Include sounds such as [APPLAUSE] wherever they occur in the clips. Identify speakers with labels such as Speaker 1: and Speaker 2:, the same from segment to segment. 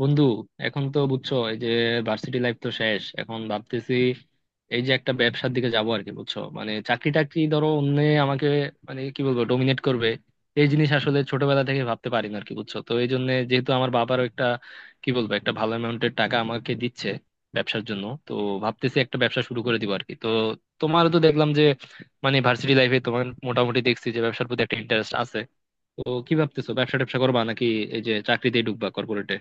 Speaker 1: বন্ধু, এখন তো বুঝছো এই যে ভার্সিটি লাইফ তো শেষ। এখন ভাবতেছি এই যে একটা ব্যবসার দিকে যাবো আর কি, বুঝছো। মানে চাকরি টাকরি ধরো অন্য আমাকে মানে কি বলবো, ডোমিনেট করবে। এই জিনিস আসলে ছোটবেলা থেকে ভাবতে পারি না আর কি, বুঝছো। তো এই জন্য, যেহেতু আমার বাবারও একটা কি বলবো, একটা ভালো অ্যামাউন্টের টাকা আমাকে দিচ্ছে ব্যবসার জন্য, তো ভাবতেছি একটা ব্যবসা শুরু করে দিব আর কি। তো তোমারও তো দেখলাম যে, মানে ভার্সিটি লাইফে তোমার মোটামুটি দেখছি যে ব্যবসার প্রতি একটা ইন্টারেস্ট আছে। তো কি ভাবতেছো, ব্যবসা ট্যাবসা করবা নাকি এই যে চাকরিতেই ঢুকবা কর্পোরেটে?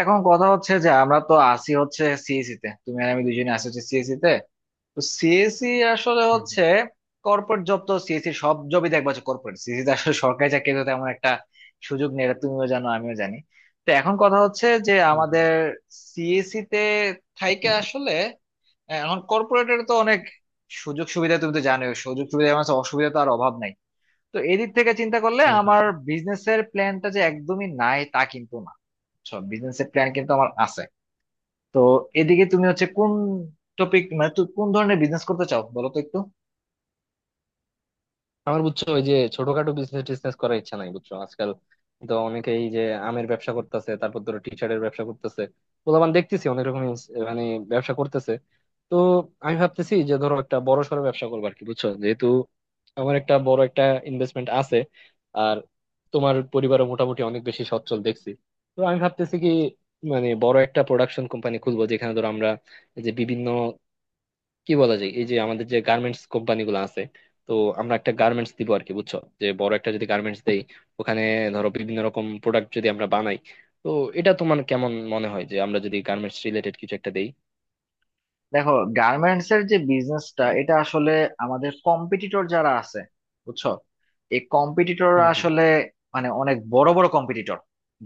Speaker 2: এখন কথা হচ্ছে যে আমরা তো আসি হচ্ছে সিএসসি তে, তুমি আর আমি দুজনে আসি হচ্ছে সিএসসি তে। তো সিএসসি আসলে হচ্ছে কর্পোরেট জব। তো সিএসসি সব জবই দেখবা হচ্ছে কর্পোরেট, সিএসসি তে আসলে সরকারি চাকরিতে তেমন একটা সুযোগ নেই, এটা তুমিও জানো আমিও জানি। তো এখন কথা হচ্ছে যে
Speaker 1: হুম হুম
Speaker 2: আমাদের সিএসসি তে থাইকে আসলে এখন কর্পোরেটের তো অনেক সুযোগ সুবিধা, তুমি তো জানো সুযোগ সুবিধা মানে হচ্ছে অসুবিধা তো আর অভাব নাই। তো এদিক থেকে চিন্তা করলে
Speaker 1: হুম হুম।
Speaker 2: আমার বিজনেসের প্ল্যানটা যে একদমই নাই তা কিন্তু না, বিজনেসের প্ল্যান কিন্তু আমার আছে। তো এদিকে তুমি হচ্ছে কোন টপিক মানে তুমি কোন ধরনের বিজনেস করতে চাও বলো তো একটু।
Speaker 1: আমার, বুঝছো, ওই যে ছোটখাটো বিজনেস টিজনেস করার ইচ্ছা নাই, বুঝছো। আজকাল তো অনেকেই যে আমের ব্যবসা করতেছে, তারপর ধরো টি শার্টের ব্যবসা করতেছে। পোলাপান দেখতেছি অনেক রকম মানে ব্যবসা করতেছে। তো আমি ভাবতেছি যে ধরো একটা বড় সড়ো ব্যবসা করবো আর কি, বুঝছো। যেহেতু আমার একটা বড় একটা ইনভেস্টমেন্ট আছে, আর তোমার পরিবারও মোটামুটি অনেক বেশি সচ্ছল দেখছি। তো আমি ভাবতেছি কি, মানে বড় একটা প্রোডাকশন কোম্পানি খুলবো, যেখানে ধরো আমরা এই যে বিভিন্ন কি বলা যায়, এই যে আমাদের যে গার্মেন্টস কোম্পানি গুলো আছে, তো আমরা একটা গার্মেন্টস দিব আর কি, বুঝছো। যে বড় একটা যদি গার্মেন্টস দেই ওখানে, ধরো বিভিন্ন রকম প্রোডাক্ট যদি আমরা বানাই, তো এটা তোমার কেমন মনে হয়, যে আমরা যদি গার্মেন্টস রিলেটেড কিছু একটা দেই?
Speaker 2: দেখো, গার্মেন্টস এর যে বিজনেসটা এটা আসলে আমাদের কম্পিটিটর যারা আছে, বুঝছো, এই কম্পিটিটররা
Speaker 1: হুম হুম
Speaker 2: আসলে মানে অনেক বড় বড় কম্পিটিটর।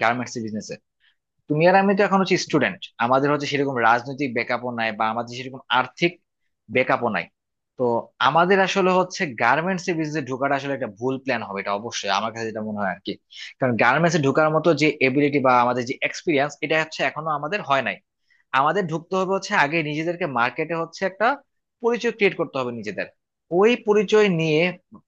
Speaker 2: গার্মেন্টস বিজনেস, তুমি আর আমি তো এখন হচ্ছে
Speaker 1: হুম
Speaker 2: স্টুডেন্ট, আমাদের হচ্ছে সেরকম রাজনৈতিক ব্যাকআপও নাই বা আমাদের সেরকম আর্থিক ব্যাকআপও নাই। তো আমাদের আসলে হচ্ছে গার্মেন্টস এর বিজনেসে ঢোকাটা আসলে একটা ভুল প্ল্যান হবে, এটা অবশ্যই আমার কাছে যেটা মনে হয় আর কি। কারণ গার্মেন্টস এ ঢোকার মতো যে এবিলিটি বা আমাদের যে এক্সপিরিয়েন্স এটা হচ্ছে এখনো আমাদের হয় নাই। আমাদের ঢুকতে হবে হচ্ছে আগে নিজেদেরকে মার্কেটে হচ্ছে একটা পরিচয় ক্রিয়েট করতে হবে নিজেদের। ওই পরিচয় নিয়ে,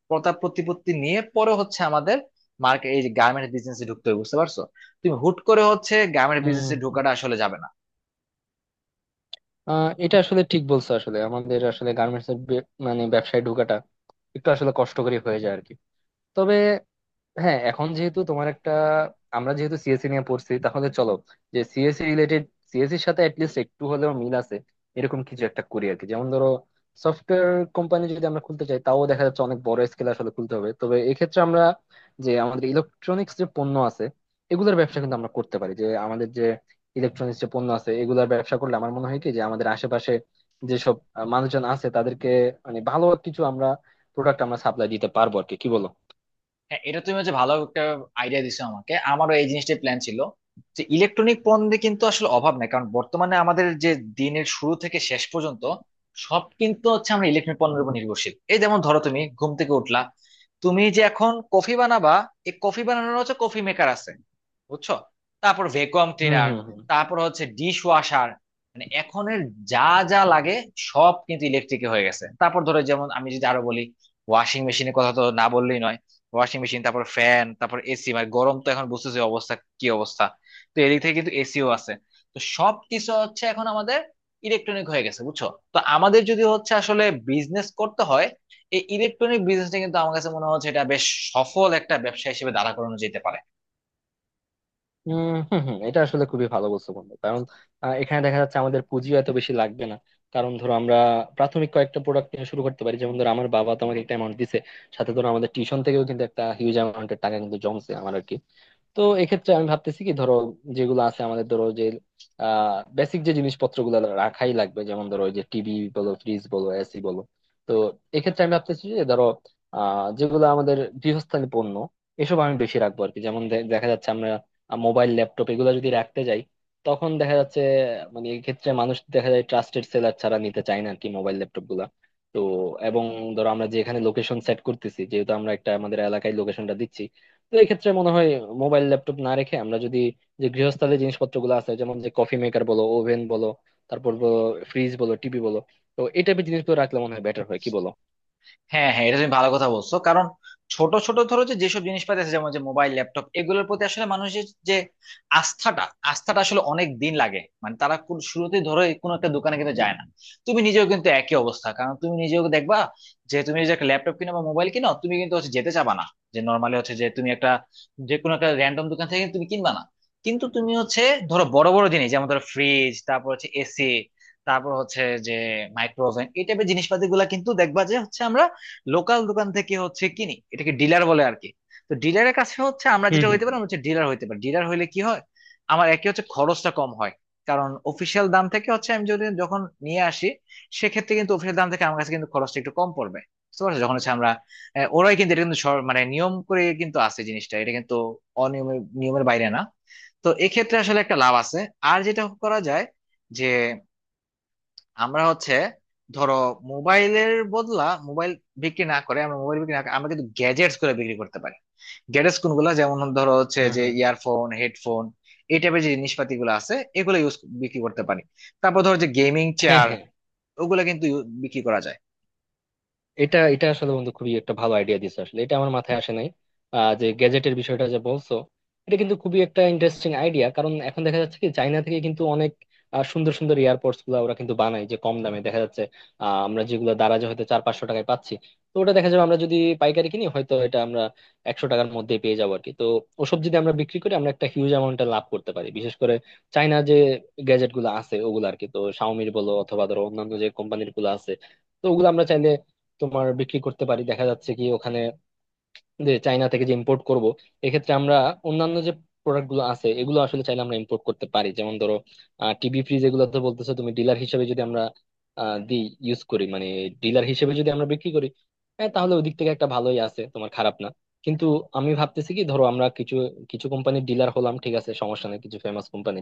Speaker 2: প্রতাপ প্রতিপত্তি নিয়ে পরে হচ্ছে আমাদের মার্কেট এই গার্মেন্ট বিজনেসে ঢুকতে হবে, বুঝতে পারছো? তুমি হুট করে হচ্ছে গার্মেন্ট
Speaker 1: হুম।
Speaker 2: বিজনেসে
Speaker 1: হুম
Speaker 2: ঢোকাটা আসলে যাবে না।
Speaker 1: এটা আসলে ঠিক বলছো। আসলে আমাদের আসলে গার্মেন্টস এর মানে ব্যবসায় ঢোকাটা একটু আসলে কষ্টকরই হয়ে যায় আর কি। তবে হ্যাঁ, এখন যেহেতু তোমার একটা, আমরা যেহেতু সিএসসি নিয়ে পড়ছি, তাহলে চলো যে সিএসসি রিলেটেড, সিএসসির সাথে অ্যাটলিস্ট একটু হলেও মিল আছে এরকম কিছু একটা করি আর কি। যেমন ধরো সফটওয়্যার কোম্পানি যদি আমরা খুলতে চাই, তাও দেখা যাচ্ছে অনেক বড় স্কেলে আসলে খুলতে হবে। তবে এক্ষেত্রে আমরা যে আমাদের ইলেকট্রনিক্স যে পণ্য আছে এগুলোর ব্যবসা কিন্তু আমরা করতে পারি। যে আমাদের যে ইলেকট্রনিক্স যে পণ্য আছে এগুলোর ব্যবসা করলে আমার মনে হয় কি, যে আমাদের আশেপাশে যেসব মানুষজন আছে তাদেরকে মানে ভালো কিছু আমরা প্রোডাক্ট আমরা সাপ্লাই দিতে পারবো আর কি। কি বলো?
Speaker 2: হ্যাঁ, এটা তুমি হচ্ছে ভালো একটা আইডিয়া দিছো আমাকে, আমারও এই জিনিসটাই প্ল্যান ছিল যে ইলেকট্রনিক পণ্যে কিন্তু আসলে অভাব নাই, কারণ বর্তমানে আমাদের যে দিনের শুরু থেকে শেষ পর্যন্ত সব কিন্তু হচ্ছে আমরা ইলেকট্রনিক পণ্যের উপর নির্ভরশীল। এই যেমন ধরো তুমি ঘুম থেকে উঠলা, তুমি যে এখন কফি বানাবা, এই কফি বানানোর হচ্ছে কফি মেকার আছে, বুঝছো। তারপর ভ্যাকুয়াম
Speaker 1: হম
Speaker 2: ক্লিনার,
Speaker 1: হম।
Speaker 2: তারপর হচ্ছে ডিশ ওয়াশার, মানে এখনের যা যা লাগে সব কিন্তু ইলেকট্রিকে হয়ে গেছে। তারপর ধরো, যেমন আমি যদি আরো বলি, ওয়াশিং মেশিনের কথা তো না বললেই নয়। ওয়াশিং মেশিন, তারপর ফ্যান, তারপর এসি, মানে গরম তো এখন বুঝতেছি অবস্থা, কি অবস্থা! তো এদিক থেকে কিন্তু এসিও আছে। তো সব কিছু হচ্ছে এখন আমাদের ইলেকট্রনিক হয়ে গেছে, বুঝছো। তো আমাদের যদি হচ্ছে আসলে বিজনেস করতে হয়, এই ইলেকট্রনিক বিজনেসটা কিন্তু আমার কাছে মনে হচ্ছে এটা বেশ সফল একটা ব্যবসা হিসেবে দাঁড়া করানো যেতে পারে।
Speaker 1: হম হম, এটা আসলে খুবই ভালো বলছো বন্ধু। কারণ এখানে দেখা যাচ্ছে আমাদের পুঁজিও এত বেশি লাগবে না। কারণ ধরো আমরা প্রাথমিক কয়েকটা প্রোডাক্ট নিয়ে শুরু করতে পারি। যেমন ধরো আমার বাবা তোমাকে একটা অ্যামাউন্ট দিছে, সাথে ধরো আমাদের টিউশন থেকেও কিন্তু একটা হিউজ অ্যামাউন্টের টাকা কিন্তু জমছে আমার আরকি। তো এক্ষেত্রে আমি ভাবতেছি কি, ধরো যেগুলো আছে আমাদের, ধরো যে বেসিক যে জিনিসপত্র গুলো রাখাই লাগবে, যেমন ধরো ওই যে টিভি বলো, ফ্রিজ বলো, এসি বলো। তো এক্ষেত্রে আমি ভাবতেছি যে ধরো যেগুলো আমাদের গৃহস্থালী পণ্য, এসব আমি বেশি রাখবো আর কি। যেমন দেখা যাচ্ছে আমরা মোবাইল ল্যাপটপ এগুলো যদি রাখতে যাই, তখন দেখা যাচ্ছে মানে এই ক্ষেত্রে মানুষ দেখা যায় ট্রাস্টেড সেলার ছাড়া নিতে চায় না আর কি, মোবাইল ল্যাপটপ গুলা। তো এবং ধরো আমরা যে এখানে লোকেশন সেট করতেছি, যেহেতু আমরা একটা আমাদের এলাকায় লোকেশনটা দিচ্ছি, তো এক্ষেত্রে মনে হয় মোবাইল ল্যাপটপ না রেখে আমরা যদি যে গৃহস্থালী জিনিসপত্রগুলো আছে, যেমন যে কফি মেকার বলো, ওভেন বলো, তারপর ফ্রিজ বলো, টিভি বলো, তো এই টাইপের জিনিসগুলো রাখলে মনে হয় বেটার হয়। কি বলো?
Speaker 2: হ্যাঁ হ্যাঁ, এটা তুমি ভালো কথা বলছো, কারণ ছোট ছোট ধরো যে যেসব জিনিসপাতি আছে যেমন যে মোবাইল ল্যাপটপ, এগুলোর প্রতি আসলে মানুষের যে আস্থাটা আস্থাটা আসলে অনেক দিন লাগে, মানে তারা শুরুতেই ধরো এই কোনো একটা দোকানে কিন্তু যায় না। তুমি নিজেও কিন্তু একই অবস্থা, কারণ তুমি নিজেও দেখবা যে তুমি যে একটা ল্যাপটপ কিনো বা মোবাইল কিনো, তুমি কিন্তু হচ্ছে যেতে চাবা না যে নর্মালি হচ্ছে যে তুমি একটা যে কোনো একটা র্যান্ডম দোকান থেকে তুমি কিনবা না। কিন্তু তুমি হচ্ছে ধরো বড় বড় জিনিস যেমন ধরো ফ্রিজ, তারপর হচ্ছে এসি, তারপর হচ্ছে যে মাইক্রোওভেন, এই টাইপের জিনিসপাতি গুলা কিন্তু দেখবা যে হচ্ছে আমরা লোকাল দোকান থেকে হচ্ছে কিনি, এটাকে ডিলার বলে আর কি। তো ডিলারের কাছে হচ্ছে আমরা
Speaker 1: হুম
Speaker 2: যেটা হইতে
Speaker 1: হুম
Speaker 2: পারি, আমরা হচ্ছে ডিলার হইতে পারি। ডিলার হইলে কি হয়, আমার একে হচ্ছে খরচটা কম হয়, কারণ অফিসিয়াল দাম থেকে হচ্ছে আমি যদি যখন নিয়ে আসি, সেক্ষেত্রে কিন্তু অফিসিয়াল দাম থেকে আমার কাছে কিন্তু খরচটা একটু কম পড়বে। বুঝতে পারছো, যখন হচ্ছে আমরা ওরাই কিন্তু এটা কিন্তু মানে নিয়ম করে কিন্তু আছে জিনিসটা, এটা কিন্তু অনিয়মের নিয়মের বাইরে না। তো এক্ষেত্রে আসলে একটা লাভ আছে। আর যেটা করা যায় যে আমরা হচ্ছে ধরো মোবাইলের বদলা, মোবাইল বিক্রি না করে আমরা মোবাইল বিক্রি না করে আমরা কিন্তু গ্যাজেটস করে বিক্রি করতে পারি। গ্যাজেটস কোনগুলো, যেমন ধরো হচ্ছে
Speaker 1: হুম হুম
Speaker 2: যে
Speaker 1: হুম হুম।
Speaker 2: ইয়ারফোন, হেডফোন, এই টাইপের যে জিনিসপাতি গুলো আছে এগুলো ইউজ বিক্রি করতে পারি। তারপর ধরো যে গেমিং
Speaker 1: হ্যাঁ
Speaker 2: চেয়ার,
Speaker 1: হ্যাঁ,
Speaker 2: ওগুলো কিন্তু বিক্রি করা যায়।
Speaker 1: এটা এটা আসলে বন্ধু, খুবই একটা ভালো আইডিয়া দিছে। আসলে এটা আমার মাথায় আসে নাই, যে গ্যাজেটের বিষয়টা যে বলছো। এটা কিন্তু খুবই একটা ইন্টারেস্টিং আইডিয়া। কারণ এখন দেখা যাচ্ছে কি, চায়না থেকে কিন্তু অনেক সুন্দর সুন্দর এয়ারপডস গুলো ওরা কিন্তু বানায়, যে কম দামে দেখা যাচ্ছে। আমরা যেগুলো দারাজে হয়তো চার পাঁচশো টাকায় পাচ্ছি, তো ওটা দেখা যাবে আমরা যদি পাইকারি কিনি হয়তো এটা আমরা একশো টাকার মধ্যে পেয়ে যাবো আর কি। তো ওসব যদি আমরা বিক্রি করি আমরা একটা হিউজ অ্যামাউন্টে লাভ করতে পারি, বিশেষ করে চায়না যে গ্যাজেট গুলো আছে ওগুলো আর কি। তো শাওমির বলো অথবা ধরো অন্যান্য যে কোম্পানির গুলো আছে, তো ওগুলো আমরা চাইলে তোমার বিক্রি করতে পারি। দেখা যাচ্ছে কি ওখানে, যে চায়না থেকে যে ইম্পোর্ট করব, এক্ষেত্রে আমরা অন্যান্য যে প্রোডাক্ট গুলো আছে এগুলো আসলে চাইলে আমরা ইম্পোর্ট করতে পারি। যেমন ধরো টিভি ফ্রিজ এগুলো তো বলতেছো তুমি ডিলার হিসেবে, যদি আমরা দিই ইউজ করি মানে, ডিলার হিসেবে যদি আমরা বিক্রি করি, হ্যাঁ তাহলে ওদিক থেকে একটা ভালোই আছে, তোমার খারাপ না। কিন্তু আমি ভাবতেছি কি, ধরো আমরা কিছু কিছু কোম্পানির ডিলার হলাম, ঠিক আছে, সমস্যা নেই কিছু ফেমাস কোম্পানি।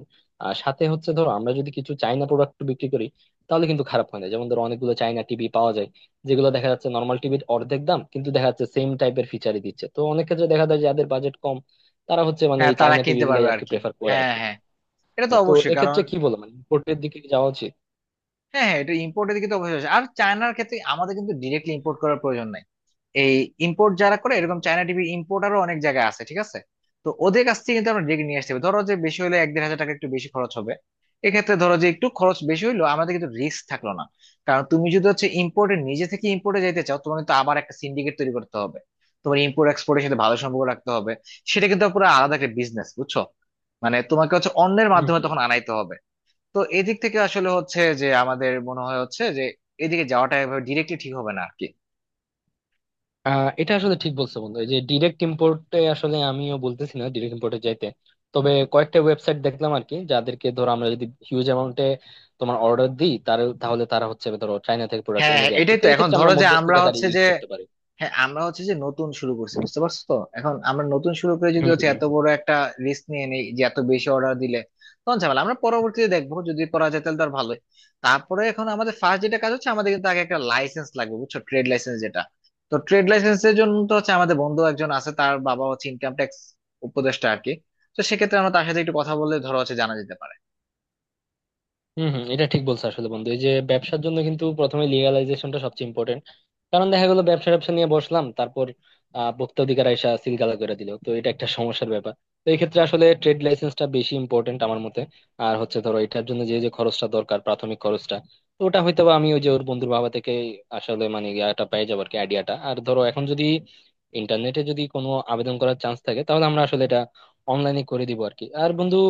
Speaker 1: আর সাথে হচ্ছে ধরো আমরা যদি কিছু চাইনা প্রোডাক্ট বিক্রি করি তাহলে কিন্তু খারাপ হয় না। যেমন ধরো অনেকগুলো চাইনা টিভি পাওয়া যায় যেগুলো দেখা যাচ্ছে নর্মাল টিভির অর্ধেক দাম, কিন্তু দেখা যাচ্ছে সেম টাইপের ফিচারই দিচ্ছে। তো অনেক ক্ষেত্রে দেখা যায় যাদের বাজেট কম, তারা হচ্ছে মানে
Speaker 2: হ্যাঁ,
Speaker 1: এই
Speaker 2: তারা
Speaker 1: চাইনা টিভি
Speaker 2: কিনতে
Speaker 1: গুলাই
Speaker 2: পারবে
Speaker 1: আর
Speaker 2: আর
Speaker 1: কি
Speaker 2: কি।
Speaker 1: প্রেফার করে আর
Speaker 2: হ্যাঁ
Speaker 1: কি।
Speaker 2: হ্যাঁ, এটা তো
Speaker 1: হ্যাঁ, তো
Speaker 2: অবশ্যই, কারণ
Speaker 1: এক্ষেত্রে কি বলো, মানে ইম্পোর্টের দিকে কি যাওয়া উচিত?
Speaker 2: হ্যাঁ হ্যাঁ এটা ইম্পোর্টের দিকে তো অবশ্যই আছে। আর চায়নার ক্ষেত্রে আমাদের কিন্তু ডিরেক্টলি ইম্পোর্ট করার প্রয়োজন নাই, এই ইম্পোর্ট যারা করে,
Speaker 1: হুম হুম
Speaker 2: এরকম চায়না টিভি ইম্পোর্টারও অনেক জায়গায় আছে, ঠিক আছে। তো ওদের কাছ থেকে কিন্তু আমরা ডেকে নিয়ে আসতে হবে, ধরো যে বেশি হলে 1-1500 টাকা একটু বেশি খরচ হবে। এক্ষেত্রে ধরো যে একটু খরচ বেশি হইলো, আমাদের কিন্তু রিস্ক থাকলো না। কারণ তুমি যদি হচ্ছে ইম্পোর্টে নিজে থেকে ইম্পোর্টে যেতে চাও, তোমার কিন্তু আবার একটা সিন্ডিকেট তৈরি করতে হবে, তোমার ইম্পোর্ট এক্সপোর্টের সাথে ভালো সম্পর্ক রাখতে হবে, সেটা কিন্তু পুরো আলাদা একটা বিজনেস, বুঝছো। মানে তোমাকে হচ্ছে অন্যের
Speaker 1: হুম,
Speaker 2: মাধ্যমে
Speaker 1: হুম।
Speaker 2: তখন আনাইতে হবে। তো এদিক থেকে আসলে হচ্ছে যে আমাদের মনে হয় হচ্ছে যে এদিকে যাওয়াটা এভাবে ডিরেক্টলি ঠিক হবে না আর কি।
Speaker 1: এটা আসলে ঠিক বলছো বন্ধু, এই যে ডিরেক্ট ইম্পোর্টে, আসলে আমিও বলতেছি না ডিরেক্ট ইম্পোর্টে যাইতে। তবে কয়েকটা ওয়েবসাইট দেখলাম আর কি, যাদেরকে ধরো আমরা যদি হিউজ অ্যামাউন্টে তোমার অর্ডার দিই, তার তাহলে তারা হচ্ছে ধরো চাইনা থেকে প্রোডাক্ট
Speaker 2: হ্যাঁ
Speaker 1: এনে
Speaker 2: হ্যাঁ,
Speaker 1: দেয় আর কি।
Speaker 2: এটাই
Speaker 1: তো
Speaker 2: তো। এখন
Speaker 1: এক্ষেত্রে আমরা
Speaker 2: ধরো যে আমরা
Speaker 1: মধ্যস্থতাকারী
Speaker 2: হচ্ছে যে
Speaker 1: ইউজ করতে পারি।
Speaker 2: হ্যাঁ, আমরা হচ্ছে যে নতুন শুরু করছি, বুঝতে পারছো। তো এখন আমরা নতুন শুরু করে যদি
Speaker 1: হুম
Speaker 2: হচ্ছে
Speaker 1: হুম।
Speaker 2: এত বড় একটা রিস্ক নিয়ে নেই যে এত বেশি অর্ডার দিলে তখন ঝামেলা। আমরা পরবর্তীতে দেখবো যদি করা যায় তাহলে তো আর ভালোই। তারপরে এখন আমাদের ফার্স্ট যেটা কাজ হচ্ছে আমাদের কিন্তু আগে একটা লাইসেন্স লাগবে, বুঝছো, ট্রেড লাইসেন্স যেটা। তো ট্রেড লাইসেন্সের জন্য তো হচ্ছে আমাদের বন্ধু একজন আছে, তার বাবা হচ্ছে ইনকাম ট্যাক্স উপদেষ্টা আর কি। তো সেক্ষেত্রে আমরা তার সাথে একটু কথা বলে ধরো হচ্ছে জানা যেতে পারে।
Speaker 1: হম হম, এটা ঠিক বলছো আসলে বন্ধু, এই যে ব্যবসার জন্য কিন্তু প্রথমে লিগালাইজেশনটা সবচেয়ে ইম্পর্টেন্ট। কারণ দেখা গেলো ব্যবসা ব্যবসা নিয়ে বসলাম, তারপর ভোক্তা অধিকার আইসা সিলগালা করে দিল, তো এটা একটা সমস্যার ব্যাপার। তো এই ক্ষেত্রে আসলে ট্রেড লাইসেন্সটা বেশি ইম্পর্টেন্ট আমার মতে। আর হচ্ছে ধরো এটার জন্য যে যে খরচটা দরকার, প্রাথমিক খরচটা, তো ওটা হয়তো বা আমি ওই যে ওর বন্ধুর বাবা থেকে আসলে মানে ইয়াটা পেয়ে যাবো আর কি, আইডিয়াটা। আর ধরো এখন যদি ইন্টারনেটে যদি কোনো আবেদন করার চান্স থাকে তাহলে আমরা আসলে এটা অনলাইনে করে দিব আর কি। আর বন্ধু,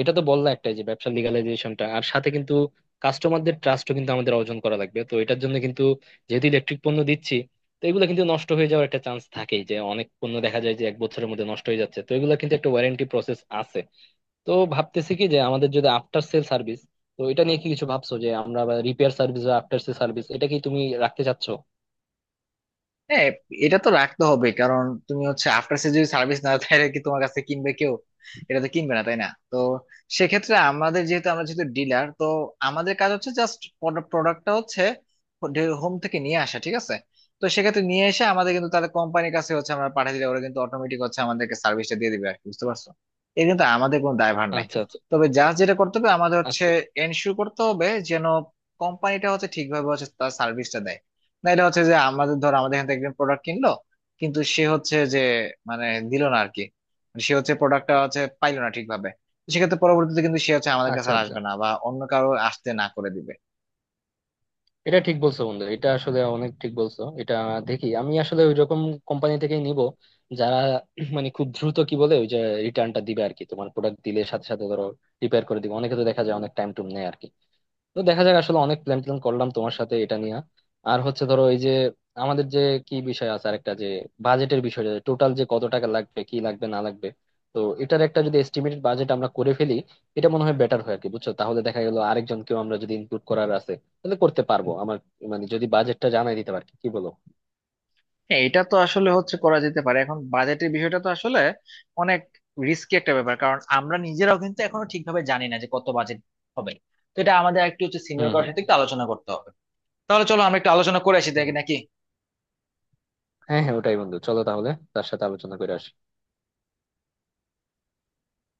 Speaker 1: এটা তো বললা একটাই যে ব্যবসা লিগালাইজেশনটা, আর সাথে কিন্তু কাস্টমারদের ট্রাস্টও কিন্তু আমাদের অর্জন করা লাগবে। তো এটার জন্য কিন্তু, যেহেতু ইলেকট্রিক পণ্য দিচ্ছি, তো এগুলো কিন্তু নষ্ট হয়ে যাওয়ার একটা চান্স থাকেই। যে অনেক পণ্য দেখা যায় যে এক বছরের মধ্যে নষ্ট হয়ে যাচ্ছে, তো এগুলো কিন্তু একটা ওয়ারেন্টি প্রসেস আছে। তো ভাবতেছি কি, যে আমাদের যদি আফটার সেল সার্ভিস, তো এটা নিয়ে কি কিছু ভাবছো, যে আমরা রিপেয়ার সার্ভিস বা আফটার সেল সার্ভিস এটা কি তুমি রাখতে চাচ্ছো?
Speaker 2: হ্যাঁ, এটা তো রাখতে হবে, কারণ তুমি হচ্ছে আফটার সেল যদি সার্ভিস না দেয় তাহলে কি তোমার কাছে কিনবে কেউ? এটা তো কিনবে না, তাই না? তো সেক্ষেত্রে আমাদের যেহেতু, আমরা যেহেতু ডিলার, তো আমাদের কাজ হচ্ছে জাস্ট প্রোডাক্টটা হচ্ছে হোম থেকে নিয়ে আসা, ঠিক আছে। তো সেক্ষেত্রে নিয়ে এসে আমাদের কিন্তু তাদের কোম্পানির কাছে হচ্ছে আমরা পাঠিয়ে দিলে ওরা কিন্তু অটোমেটিক হচ্ছে আমাদেরকে সার্ভিসটা দিয়ে দিবে আর কি, বুঝতে পারছো। এর কিন্তু আমাদের কোনো দায়ভার নাই।
Speaker 1: আচ্ছা আচ্ছা।
Speaker 2: তবে যা যেটা করতে হবে আমাদের হচ্ছে
Speaker 1: আচ্ছা
Speaker 2: এনশিওর করতে হবে যেন কোম্পানিটা হচ্ছে ঠিকভাবে হচ্ছে তার সার্ভিসটা দেয়। না, এটা হচ্ছে যে আমাদের, ধর আমাদের এখান থেকে একজন প্রোডাক্ট কিনলো কিন্তু সে হচ্ছে যে মানে দিল না আর কি, মানে সে হচ্ছে প্রোডাক্টটা হচ্ছে পাইলো না ঠিকভাবে। তো সেক্ষেত্রে পরবর্তীতে কিন্তু সে হচ্ছে আমাদের কাছে
Speaker 1: আচ্ছা
Speaker 2: আর
Speaker 1: আচ্ছা,
Speaker 2: আসবে না বা অন্য কারো আসতে না করে দিবে।
Speaker 1: এটা ঠিক বলছো বন্ধু, এটা আসলে অনেক ঠিক বলছো। এটা দেখি, আমি আসলে ওই রকম কোম্পানি থেকেই নিব, যারা [CLEARS THROAT] মানে খুব দ্রুত কি বলে ওই যে রিটার্নটা দিবে আর কি। তোমার প্রোডাক্ট দিলে সাথে সাথে ধরো রিপেয়ার করে দিবে। অনেকে তো দেখা যায় অনেক টাইম টুম নেয় আর কি। তো দেখা যাক আসলে, অনেক প্ল্যান ট্যান করলাম তোমার সাথে এটা নিয়ে। আর হচ্ছে ধরো এই যে আমাদের যে কি বিষয় আছে আরেকটা, যে বাজেটের বিষয়, টোটাল যে কত টাকা লাগবে কি লাগবে না লাগবে। তো এটার একটা যদি এস্টিমেটেড বাজেট আমরা করে ফেলি, এটা মনে হয় বেটার হয় আর কি, বুঝছো। তাহলে দেখা গেল আরেকজনকেও আমরা যদি ইনক্লুড করার আছে তাহলে করতে পারবো আমার, মানে যদি বাজেটটা জানাই দিতে পারি। কি বলো?
Speaker 2: হ্যাঁ, এটা তো আসলে হচ্ছে করা যেতে পারে। এখন বাজেটের বিষয়টা তো আসলে অনেক রিস্কি একটা ব্যাপার, কারণ আমরা নিজেরাও কিন্তু এখনো ঠিকভাবে জানি না যে কত বাজেট হবে। তো এটা আমাদের একটু হচ্ছে সিনিয়র
Speaker 1: হুম
Speaker 2: কারোর
Speaker 1: হুম
Speaker 2: সাথে একটু আলোচনা করতে হবে। তাহলে চলো আমরা একটু আলোচনা করে আসি
Speaker 1: হুম।
Speaker 2: দেখি নাকি।
Speaker 1: হ্যাঁ হ্যাঁ ওটাই বন্ধু, চলো তাহলে তার সাথে আলোচনা করে আসি।